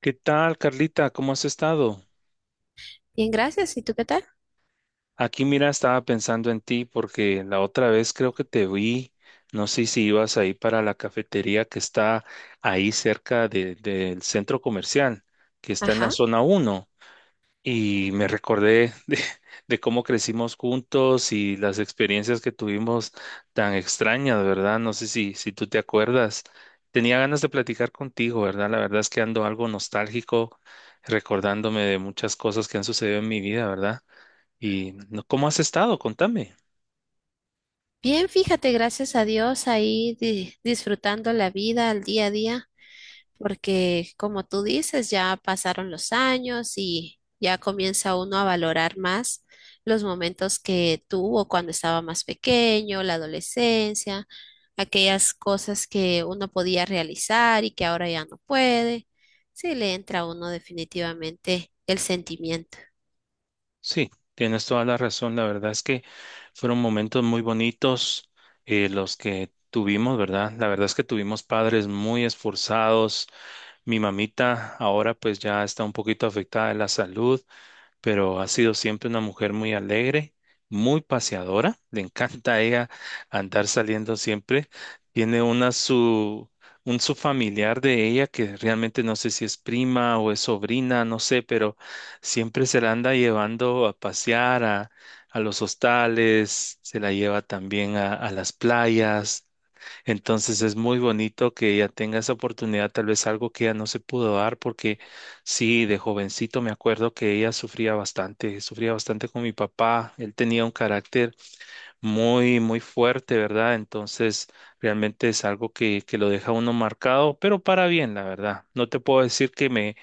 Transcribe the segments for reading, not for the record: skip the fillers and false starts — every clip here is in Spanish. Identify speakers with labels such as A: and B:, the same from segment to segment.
A: ¿Qué tal, Carlita? ¿Cómo has estado?
B: Bien, gracias. ¿Y tú qué tal?
A: Aquí, mira, estaba pensando en ti porque la otra vez creo que te vi. No sé si ibas ahí para la cafetería que está ahí del centro comercial, que está en la
B: Ajá.
A: zona uno. Y me recordé de, de cómo crecimos juntos y las experiencias que tuvimos tan extrañas, ¿verdad? No sé si tú te acuerdas. Tenía ganas de platicar contigo, ¿verdad? La verdad es que ando algo nostálgico, recordándome de muchas cosas que han sucedido en mi vida, ¿verdad? Y ¿cómo has estado? Contame.
B: Bien, fíjate, gracias a Dios ahí disfrutando la vida al día a día, porque como tú dices, ya pasaron los años y ya comienza uno a valorar más los momentos que tuvo cuando estaba más pequeño, la adolescencia, aquellas cosas que uno podía realizar y que ahora ya no puede. Sí, le entra a uno definitivamente el sentimiento.
A: Sí, tienes toda la razón. La verdad es que fueron momentos muy bonitos los que tuvimos, ¿verdad? La verdad es que tuvimos padres muy esforzados. Mi mamita ahora pues ya está un poquito afectada de la salud, pero ha sido siempre una mujer muy alegre, muy paseadora. Le encanta a ella andar saliendo siempre. Tiene una su Un su familiar de ella que realmente no sé si es prima o es sobrina, no sé, pero siempre se la anda llevando a pasear a los hostales, se la lleva también a las playas. Entonces es muy bonito que ella tenga esa oportunidad, tal vez algo que ella no se pudo dar, porque sí, de jovencito me acuerdo que ella sufría bastante con mi papá. Él tenía un carácter muy, muy fuerte, ¿verdad? Entonces realmente es algo que lo deja a uno marcado, pero para bien, la verdad. No te puedo decir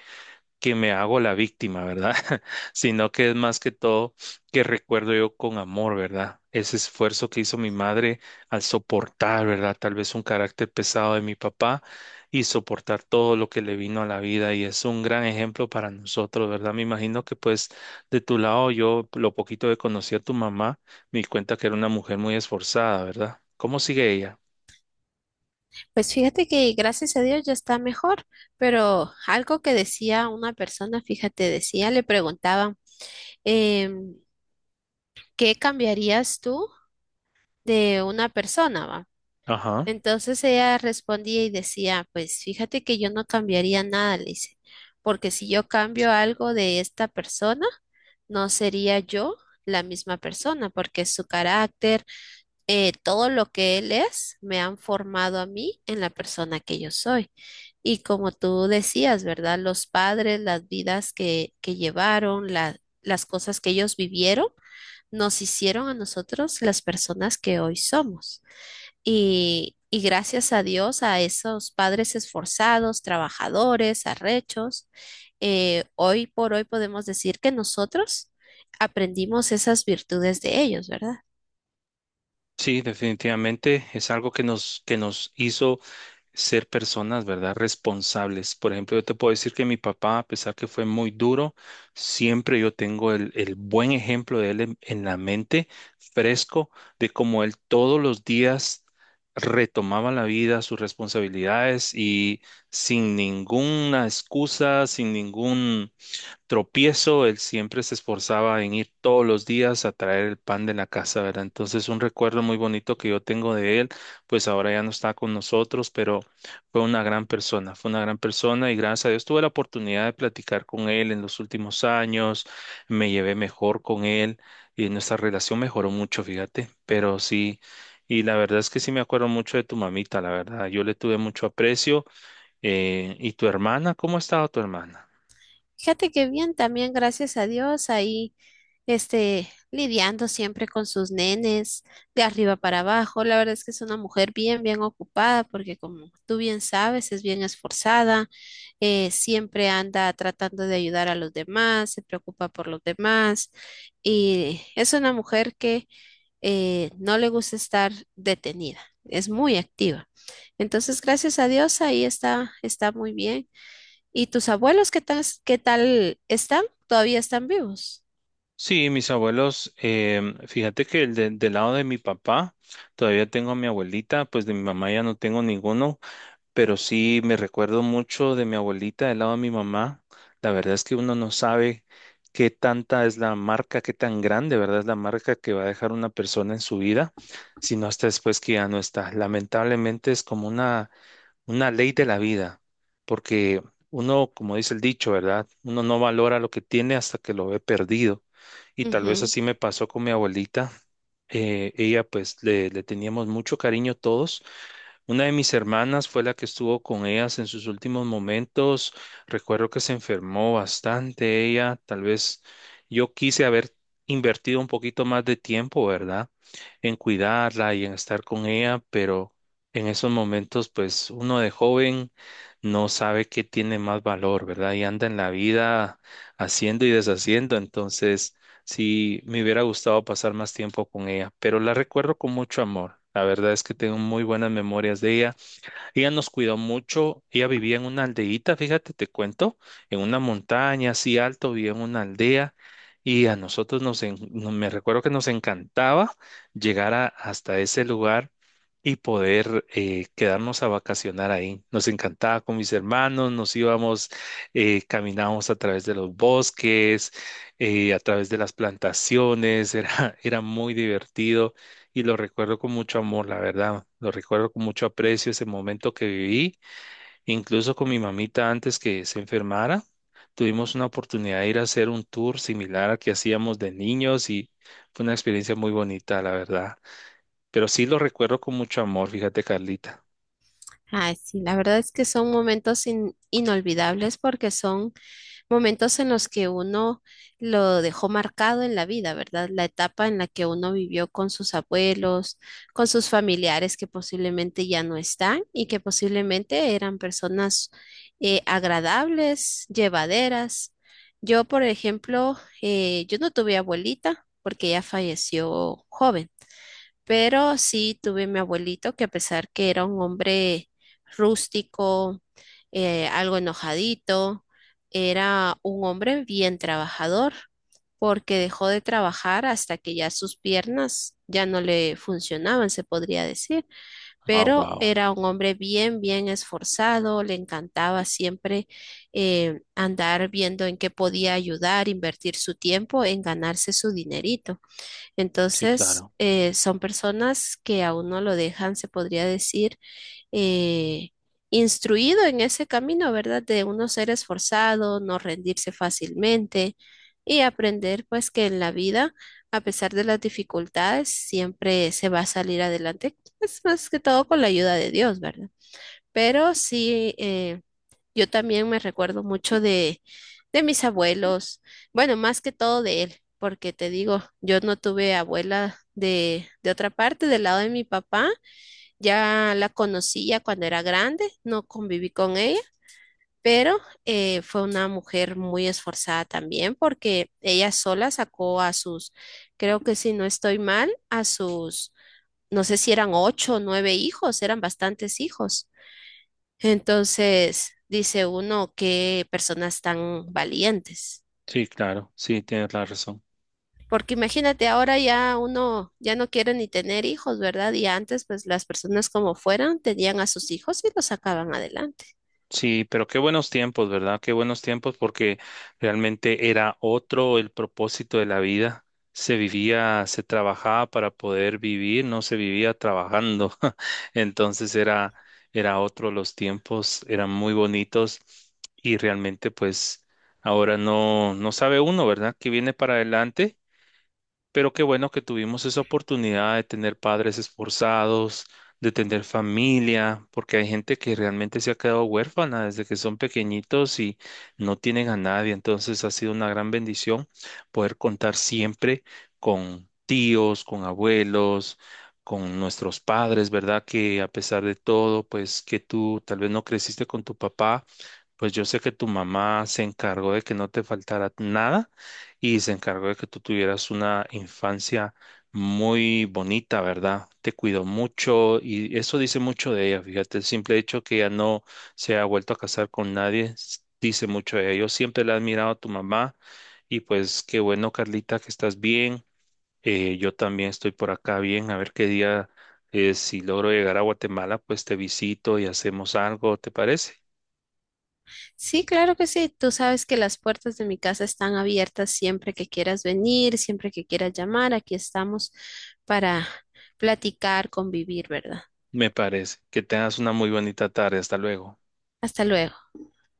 A: que me hago la víctima, ¿verdad? Sino que es más que todo que recuerdo yo con amor, ¿verdad? Ese esfuerzo que hizo mi madre al soportar, ¿verdad? Tal vez un carácter pesado de mi papá y soportar todo lo que le vino a la vida, y es un gran ejemplo para nosotros, ¿verdad? Me imagino que pues de tu lado, yo lo poquito que conocí a tu mamá, me di cuenta que era una mujer muy esforzada, ¿verdad? ¿Cómo sigue ella?
B: Pues fíjate que gracias a Dios ya está mejor, pero algo que decía una persona, fíjate, decía, le preguntaban, em, ¿qué cambiarías tú de una persona, va?
A: Ajá.
B: Entonces ella respondía y decía, pues fíjate que yo no cambiaría nada, le dice, porque si yo cambio algo de esta persona, no sería yo la misma persona, porque su carácter, todo lo que él es me han formado a mí en la persona que yo soy. Y como tú decías, ¿verdad? Los padres, las vidas que llevaron, las cosas que ellos vivieron, nos hicieron a nosotros las personas que hoy somos. Y gracias a Dios, a esos padres esforzados, trabajadores, arrechos, hoy por hoy podemos decir que nosotros aprendimos esas virtudes de ellos, ¿verdad?
A: Sí, definitivamente es algo que nos hizo ser personas, ¿verdad? Responsables. Por ejemplo, yo te puedo decir que mi papá, a pesar que fue muy duro, siempre yo tengo el buen ejemplo de él en la mente, fresco, de cómo él todos los días retomaba la vida, sus responsabilidades y sin ninguna excusa, sin ningún tropiezo, él siempre se esforzaba en ir todos los días a traer el pan de la casa, ¿verdad? Entonces, un recuerdo muy bonito que yo tengo de él, pues ahora ya no está con nosotros, pero fue una gran persona, fue una gran persona, y gracias a Dios tuve la oportunidad de platicar con él en los últimos años, me llevé mejor con él y nuestra relación mejoró mucho, fíjate, pero sí. Y la verdad es que sí me acuerdo mucho de tu mamita, la verdad. Yo le tuve mucho aprecio. ¿Y tu hermana? ¿Cómo ha estado tu hermana?
B: Fíjate que bien, también gracias a Dios, ahí este, lidiando siempre con sus nenes, de arriba para abajo. La verdad es que es una mujer bien, bien ocupada, porque como tú bien sabes, es bien esforzada, siempre anda tratando de ayudar a los demás, se preocupa por los demás, y es una mujer que no le gusta estar detenida, es muy activa. Entonces, gracias a Dios, ahí está, está muy bien. ¿Y tus abuelos qué tal están? ¿Todavía están vivos?
A: Sí, mis abuelos, fíjate que del lado de mi papá, todavía tengo a mi abuelita, pues de mi mamá ya no tengo ninguno, pero sí me recuerdo mucho de mi abuelita del lado de mi mamá. La verdad es que uno no sabe qué tanta es la marca, qué tan grande, ¿verdad? Es la marca que va a dejar una persona en su vida, sino hasta después que ya no está. Lamentablemente es como una ley de la vida, porque uno, como dice el dicho, ¿verdad? Uno no valora lo que tiene hasta que lo ve perdido. Y tal vez
B: Ujú.
A: así me pasó con mi abuelita. Ella, pues, le teníamos mucho cariño todos. Una de mis hermanas fue la que estuvo con ellas en sus últimos momentos. Recuerdo que se enfermó bastante ella. Tal vez yo quise haber invertido un poquito más de tiempo, ¿verdad? En cuidarla y en estar con ella, pero en esos momentos, pues uno de joven no sabe qué tiene más valor, ¿verdad? Y anda en la vida haciendo y deshaciendo. Entonces... sí, me hubiera gustado pasar más tiempo con ella, pero la recuerdo con mucho amor. La verdad es que tengo muy buenas memorias de ella. Ella nos cuidó mucho. Ella vivía en una aldeíta, fíjate, te cuento, en una montaña así alto, vivía en una aldea. Y a nosotros nos, me recuerdo que nos encantaba hasta ese lugar y poder quedarnos a vacacionar ahí. Nos encantaba con mis hermanos, nos íbamos, caminábamos a través de los bosques, a través de las plantaciones, era muy divertido y lo recuerdo con mucho amor, la verdad. Lo recuerdo con mucho aprecio ese momento que viví, incluso con mi mamita antes que se enfermara. Tuvimos una oportunidad de ir a hacer un tour similar al que hacíamos de niños y fue una experiencia muy bonita, la verdad. Pero sí lo recuerdo con mucho amor, fíjate, Carlita.
B: Ay, sí, la verdad es que son momentos inolvidables porque son momentos en los que uno lo dejó marcado en la vida, ¿verdad? La etapa en la que uno vivió con sus abuelos, con sus familiares que posiblemente ya no están y que posiblemente eran personas agradables, llevaderas. Yo, por ejemplo, yo no tuve abuelita porque ella falleció joven. Pero sí tuve mi abuelito que a pesar que era un hombre rústico, algo enojadito, era un hombre bien trabajador, porque dejó de trabajar hasta que ya sus piernas ya no le funcionaban, se podría decir.
A: Ah,
B: Pero
A: wow.
B: era un hombre bien, bien esforzado, le encantaba siempre andar viendo en qué podía ayudar, invertir su tiempo en ganarse su dinerito.
A: Sí,
B: Entonces,
A: claro.
B: son personas que a uno lo dejan, se podría decir, eh, instruido en ese camino, ¿verdad? De uno ser esforzado, no rendirse fácilmente y aprender pues que en la vida, a pesar de las dificultades, siempre se va a salir adelante. Es más que todo con la ayuda de Dios, ¿verdad? Pero sí, yo también me recuerdo mucho de mis abuelos, bueno, más que todo de él, porque te digo, yo no tuve abuela de otra parte, del lado de mi papá, ya la conocía cuando era grande, no conviví con ella, pero fue una mujer muy esforzada también, porque ella sola sacó a sus, creo que si no estoy mal, a sus, no sé si eran 8 o 9 hijos, eran bastantes hijos. Entonces, dice uno, qué personas tan valientes.
A: Sí, claro. Sí, tienes la razón.
B: Porque imagínate, ahora ya uno ya no quiere ni tener hijos, ¿verdad? Y antes, pues las personas como fueran, tenían a sus hijos y los sacaban adelante.
A: Sí, pero qué buenos tiempos, ¿verdad? Qué buenos tiempos, porque realmente era otro el propósito de la vida. Se vivía, se trabajaba para poder vivir, no se vivía trabajando. Entonces era, Era otro los tiempos, eran muy bonitos, y realmente pues ahora no sabe uno, ¿verdad? ¿Qué viene para adelante? Pero qué bueno que tuvimos esa oportunidad de tener padres esforzados, de tener familia, porque hay gente que realmente se ha quedado huérfana desde que son pequeñitos y no tienen a nadie. Entonces ha sido una gran bendición poder contar siempre con tíos, con abuelos, con nuestros padres, ¿verdad? Que a pesar de todo, pues que tú tal vez no creciste con tu papá, pues yo sé que tu mamá se encargó de que no te faltara nada y se encargó de que tú tuvieras una infancia muy bonita, ¿verdad? Te cuidó mucho, y eso dice mucho de ella, fíjate, el simple hecho que ella no se ha vuelto a casar con nadie dice mucho de ella. Yo siempre le he admirado a tu mamá, y pues qué bueno, Carlita, que estás bien. Yo también estoy por acá bien, a ver qué día, si logro llegar a Guatemala, pues te visito y hacemos algo, ¿te parece?
B: Sí, claro que sí. Tú sabes que las puertas de mi casa están abiertas siempre que quieras venir, siempre que quieras llamar. Aquí estamos para platicar, convivir, ¿verdad?
A: Me parece. Que tengas una muy bonita tarde. Hasta luego.
B: Hasta luego.